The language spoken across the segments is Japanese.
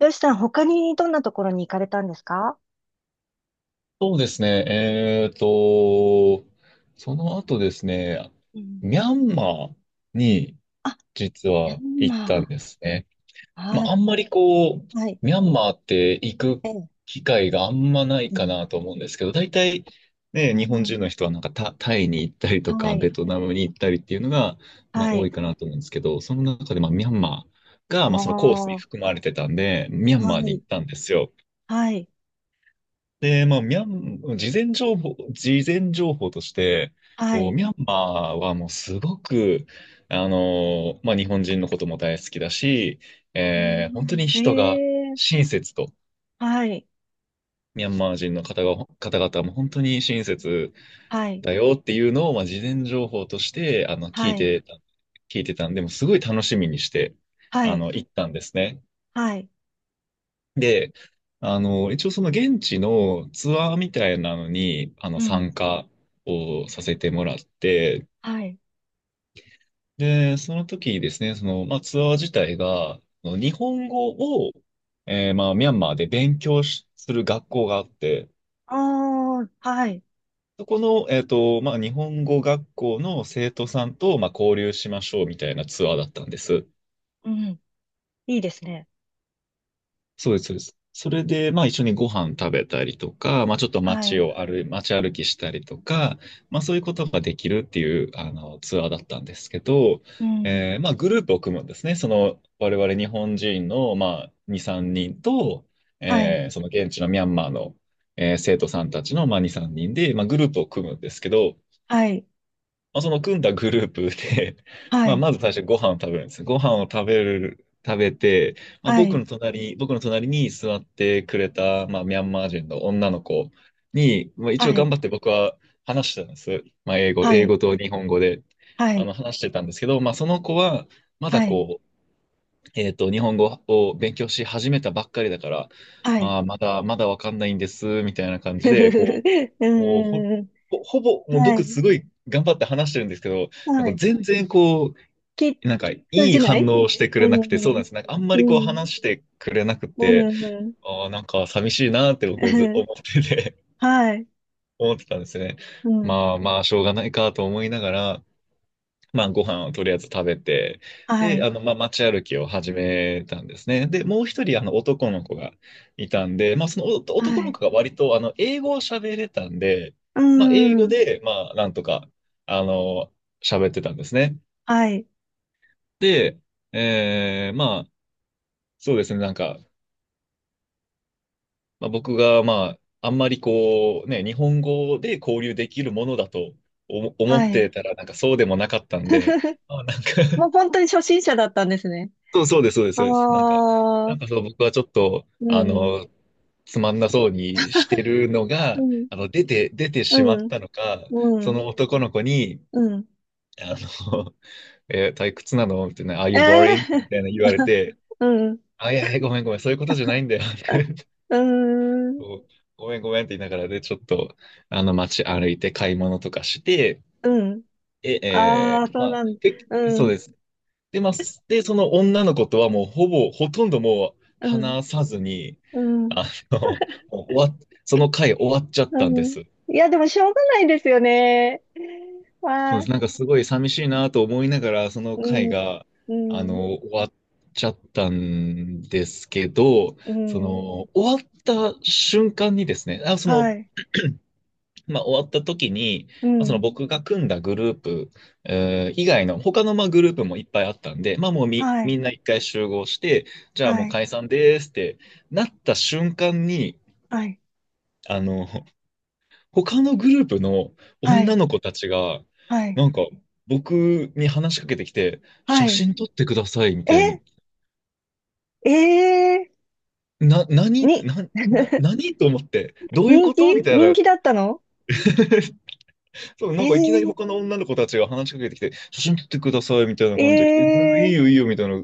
よしさん、他にどんなところに行かれたんですか？そうですね。その後ですね、うミん、ャンマーに実ミャはン行ったんマですね。ー、まはあ、い、あんまりこう、はい、ミャンマーって行くええ、機会があんまないうかん、なと思うんですけど、大体うね、日本ん。人の人はなんかタイに行ったりとはか、ベい、トナムに行ったりっていうのが、まあ、は多い、いかなと思うんですけど、その中でまあミャンマーあが、あ、まあ、そのコースには含まれてたんで、ミャンマーに行い、ったんですよ。はい、で、まあ、ミャン、事前情報として、はこう、い、ミャンマーはもうすごく、あの、まあ、日本人のことも大好きだし、う本当ん。にえ人がえ、親切と、はい、ミャンマー人の方が、方々も本当に親切はい、だよっていうのを、まあ、事前情報として、あの、はい、聞いてたんで、もうすごい楽しみにして、はあい、の、行ったんですね。はい、で、あの、一応その現地のツアーみたいなのに、あうの、ん、参加をさせてもらって、はい、で、その時にですね、その、まあ、ツアー自体が、あの日本語を、まあ、ミャンマーで勉強する学校があって、ああ、はい、そこの、えっと、まあ、日本語学校の生徒さんと、まあ、交流しましょうみたいなツアーだったんです。うん。いいですね。そうです、そうです。それで、まあ一緒にご飯食べたりとか、まあちょっとはい、街歩きしたりとか、まあそういうことができるっていう、あの、ツアーだったんですけど、うん、まあグループを組むんですね。その、我々日本人の、まあ2、3人と、はい、その現地のミャンマーの、生徒さんたちの、まあ2、3人で、まあグループを組むんですけど、はい、まあ、その組んだグループで、はまあ、い、まず最初ご飯を食べるんです。ご飯を食べる、食べて、まあ、はい、僕の隣に座ってくれた、まあ、ミャンマー人の女の子に、まあ、一応はい、頑張って僕は話してたんです。まあ、は英い、語と日本語で、はあい、の、話してたんですけど、まあ、その子は、まだはい、はい、こう、えっと、日本語を勉強し始めたばっかりだから、はい、まあ、まだわかんないんです、みたいな感じふふで、ふふ、うこう、もうほ、ーん。ほ、ほぼ、もうは僕い。すごい頑張って話してるんですけど、なんはかい。全然こう、き、きなんかい通いじな反い。応をしてくうれなくて、そうなんん。です。なんかあんまうりこうん。話してくれなくうて、ん。うん。ああ、なんか寂しいなって僕ず思 ってて、はい。思ってたんですね。うん。まあまあ、しょうがないかと思いながら、まあ、ご飯をとりあえず食べて、はで、い。あの、まあ、街歩きを始めたんですね。で、もう一人、あの、男の子がいたんで、まあ、そのは男のい。子が割と、あの、英語を喋れたんで、うまあ、英語ん。で、まあ、なんとか、あの、喋ってたんですね。はい。で、まあ、そうですね、なんか、まあ、僕が、まあ、あんまりこう、ね、日本語で交流できるものだと思っはい。てたら、なんかそうでもなかったんで、まあ、なんもうか本当に初心者だったんですね。そう、そうです、そうです、あそうです。なんか、あ、なうんかそう、僕はちょっと、あの、ん。つまんなそうにしてるのうが、ん。あの、出てしまうっん。たのか、うそん。の男の子に、うん。あの、え退屈なのみたいな、Are え you boring? えみたいな言われー。 て、うん。あ、いやいや、ごめんごめん、そういうことじゃないんだよ。うーん。そうごめんごめんって言いながらで、ちょっと、あの、街歩いて買い物とかして、うん。え、えああ、ーそまうあ、なんだ。うそうん。です。で、まあ、その女の子とはもうほぼ、ほとんどもううん。話さずに、うん。あの、もう終わっ、その回終わっちゃっうたんでん。す。いや、でもしょうがないですよね。そうはでい。す。なんかすごい寂しいなと思いながら、そのう回ん。が、うあん。の、終わっちゃったんですけど、うそん。の、終わった瞬間にですね、あ、その、はい。まあ、終わった時に、うまあ、そのん。僕が組んだグループ、以外の他のまあグループもいっぱいあったんで、まあもうみ、はみい。んな一回集合して、じゃあはもうい。解散ですってなった瞬間に、はい。あの、他のグループのは女い。の子たちが、はい。なんか僕に話しかけてきて、は写い。真撮ってくださいみたいに、え、えな、ー、に、何、な、な、何と思って、どういう人こと気みたい人な気だったの？そう、えなんかいきなりー、他の女の子たちが話しかけてきて、写真撮ってくださいみたいな感じで来て、うんえいいー、よいいよみたいな。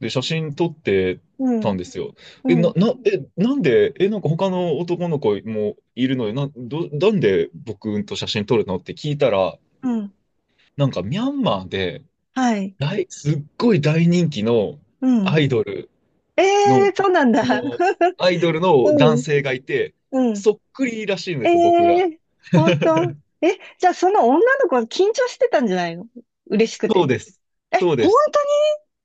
で、写真撮ってうたんん。ですよ。え、うな、ん。な、え、なんで、え、なんか他の男の子もいるのに、なんで僕と写真撮るのって聞いたら、うん。なんかミャンマーで、はい。すっごい大人気のうアん。イドルえの、ー、そうなんだ。あの、アイドルの男うん。性がいて、うん。そっくりらしいんでえすよ、僕が。え、本当。え、じゃあその女の子は緊張してたんじゃないの？嬉しくそうて。です。え、そうで本す。当に？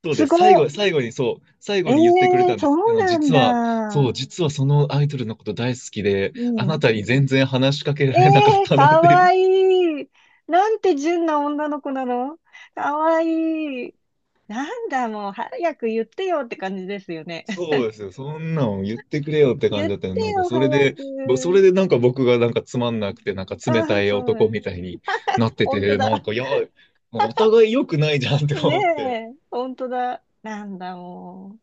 そうすです。ご最後にそう、最い。後に言ってくれええ、たんでそす。あうの、なん実は、そう、だ。実はそのアイドルのこと大好きで、うあなん。たに全然話しかけらえれなかっえ、たのっかていう。わいい。なんて純な女の子なの。かわいい。なんだ、もう早く言ってよって感じですよね。そ うですよ。そんなの言ってくれよって感言っじてだったの。なんか、よ、それ早で、そく。れでなんか僕がなんかつうまんなん。くて、なんか冷ああ、たいそ男う。みたいになって本当て、なんだ。か、いや、お互い良くないじゃんってね思って。え、本当だ。なんだ、も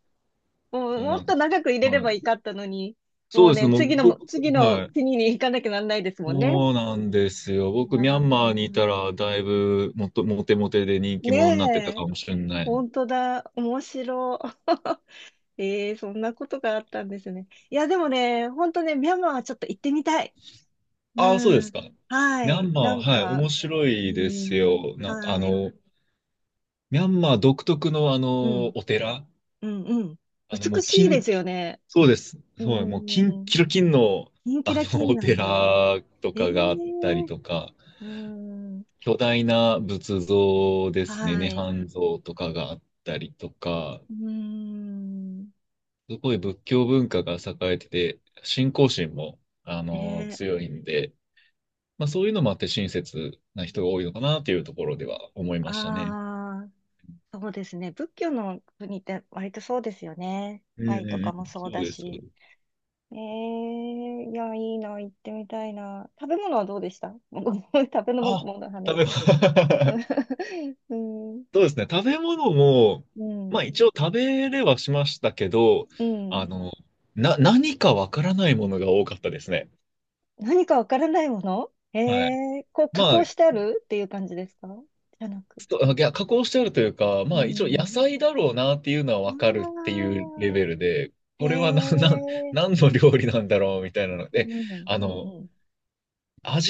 う。もうそうもなっんか、と長く入れれはばいいい。かったのに、そもううですね。ね、も次うのも、僕、次のはい。国に行かなきゃなんないですもんね。そうなんですよ。僕、あミャンマーにいー、たら、だいぶもっと、モテモテで人気ね者になってたえ、かもしれない。本当だ、面白。ええ、そんなことがあったんですね。いや、でもね、本当ね、ミャンマーはちょっと行ってみたい。ああ、そうでうすん。か。はミャンい。なマんー、はい、か、面白ういですん。よ。あはい。の、ミャンマー独特の、あうん。の、お寺、うん。うん。あの、も美う、しいですよね。そうです。うそう、もう、金、ん。キロ金の、キンキあラキの、ンおなんだ。寺とえかえ、があったりとか、うん。巨大な仏像ですね、は涅い。槃像とかがあったりとか、うーん。すごい仏教文化が栄えてて、信仰心も、あの、ね、強いんで、まあそういうのもあって親切な人が多いのかなっていうところでは思いましたね。ああ、そうですね。仏教の国って割とそうですよね。うんタうイんとうかもん。そうそうだです、そうでし。す。ええ、いや、いいな、行ってみたいな。食べ物はどうでした？もうごめん、食べ物あ、の食話。べ物 うん、そうですね。食べ物も、うまあん、一応食べれはしましたけど、うあん。の、何かわからないものが多かったですね。何かわからないもの？えはい。え、こう加まあ工してあるっていう感じですか？じゃなく。いや加工してあるというか、うまあ一応野ん。菜だろうなっていうのはわかるってあいうレベあ、ルで、へこれはえ、何の料理なんだろうみたいなのうで、ん、うん、あうの、ん。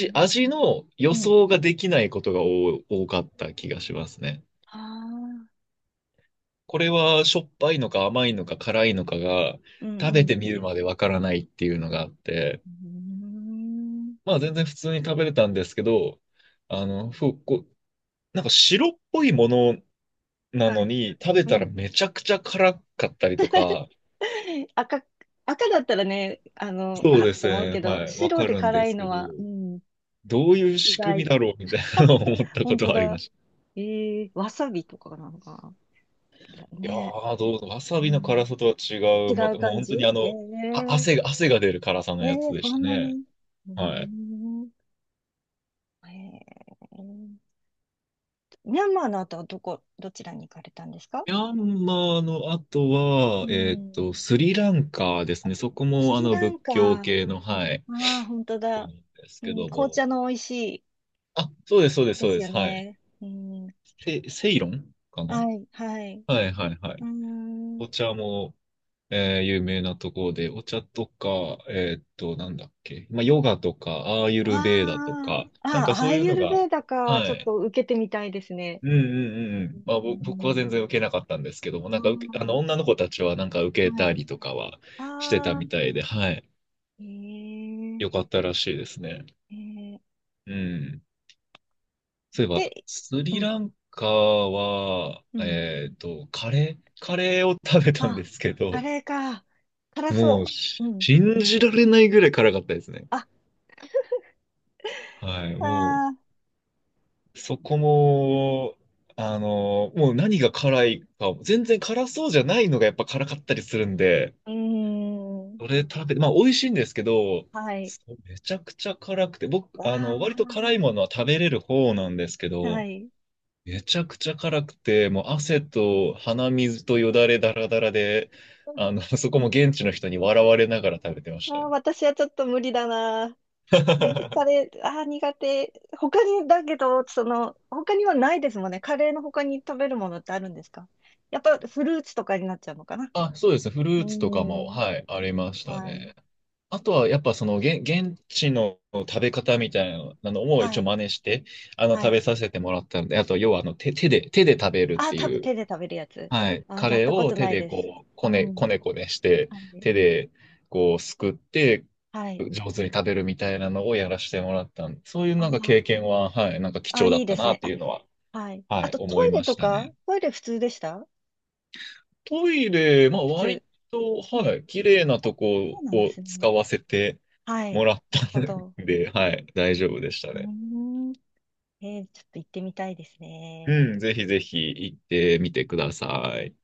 うん。味の予うん、想ができないことが多かった気がしますね。ああ、これはしょっぱいのか甘いのか辛いのかがうんう食べてん。みるまでわからないっていうのがあって、うーん。まあ全然普通に食べれたんですけど、あの、こう、なんか白っぽいものなはのい。に食べうたらん。めちゃくちゃ辛かったりとか、赤、赤だったらね、あの、そうあ、ですと思うね。けど、はい。わ白かでるんで辛いすけのど、は、うん、どういう意仕組み外。だろうみたいなのを思ったこ本と当はありまだ。した。ええ、わさびとかなのかな。いやね。ー、どう、わさびうの辛ん。さとは違違う。まうた、もう感本じ？当にあええ、えの、あ、ー、汗が出る辛さのやつでそしたんなね。に。うーはい。ん。ええ、ミャンマーの後はどこ、どちらに行かれたんですか？ミャンマーの後うは、えーっん。と、スリランカですあ、ね。そこスもあリのラ仏ンカ。教あ系の、はい、あ、本当とこだ。なんですうけん、ど紅も。茶の美味しい。あ、そうです、そうです、でそうすでよす。はい。ね。うん、セイロンかな。はい、はい。はい、はい、はうい。ーん、お茶も、有名なところで、お茶とか、えーっと、なんだっけ、まあ、ヨガとか、アーユあルベーダとか、あ、あなんかあ、アそうーいうユのルヴが、ェーダか。はちょっい。と受けてみたいですね。うんうんうんうん。まあ、う僕は全ん、然受けなかったんですけども、なんあか受け、あの、女の子たちはなんかあ、受けはたい。りとかはしてたああ、みたいで、はい。ええ、よかったらしいですね。ええ。うん。そういえば、で、スうリん、ランカは、うん。えっと、カレーを食べたんであ、すけあど、れか。辛もう、そう。うん。信じられないぐらい辛かったですね。あ、はい、もああ、う、そこも、あの、もう何が辛いか、全然辛そうじゃないのがやっぱ辛かったりするんで、うーん、それ食べ、まあ美味しいんですけど、はい。そうめちゃくちゃ辛くて、僕、あの、割とわ辛いものは食べれる方なんですけあ、はど、い。めちゃくちゃ辛くて、もう汗と鼻水とよだれだらだらで、あの、そこも現地の人に笑われながら食べてましたあね。ー、私はちょっと無理だな。にカレ ー、あー、苦手。他に、だけど、その、他にはないですもんね。カレーの他に食べるものってあるんですか？やっぱフルーツとかになっちゃうのかな。あ、そうです。ねフルうーーツとかも、ん。はい、ありましたはい。ね。あとはやっぱその現地の食べ方みたいなのをは一応い。真似して、あのは食い。べさせてもらったので、あと要はあの手で食べるっあてー、食べ、いう、手で食べるやつ。はい、あー、カやっレーたこをと手ないでです。こう、うん。こねこねして、はい。手でこうすくって、はい。上手に食べるみたいなのをやらせてもらったんで、そういうあなんかー、経験は、はい、なんか貴あー、重だいっいでたすなっね。てあ、いうのは、はい。はあい、とト思イいレまとしたかね。トイレ普通でした？トイレ、まあ普割通。と、うん。はい、綺麗なあ、とそこうなんでをす使ね。わせてはもい。らっなるたほど。んで、はい、大丈夫でしたうね。ーん。えー、ちょっと行ってみたいですね。うん、ぜひぜひ行ってみてください。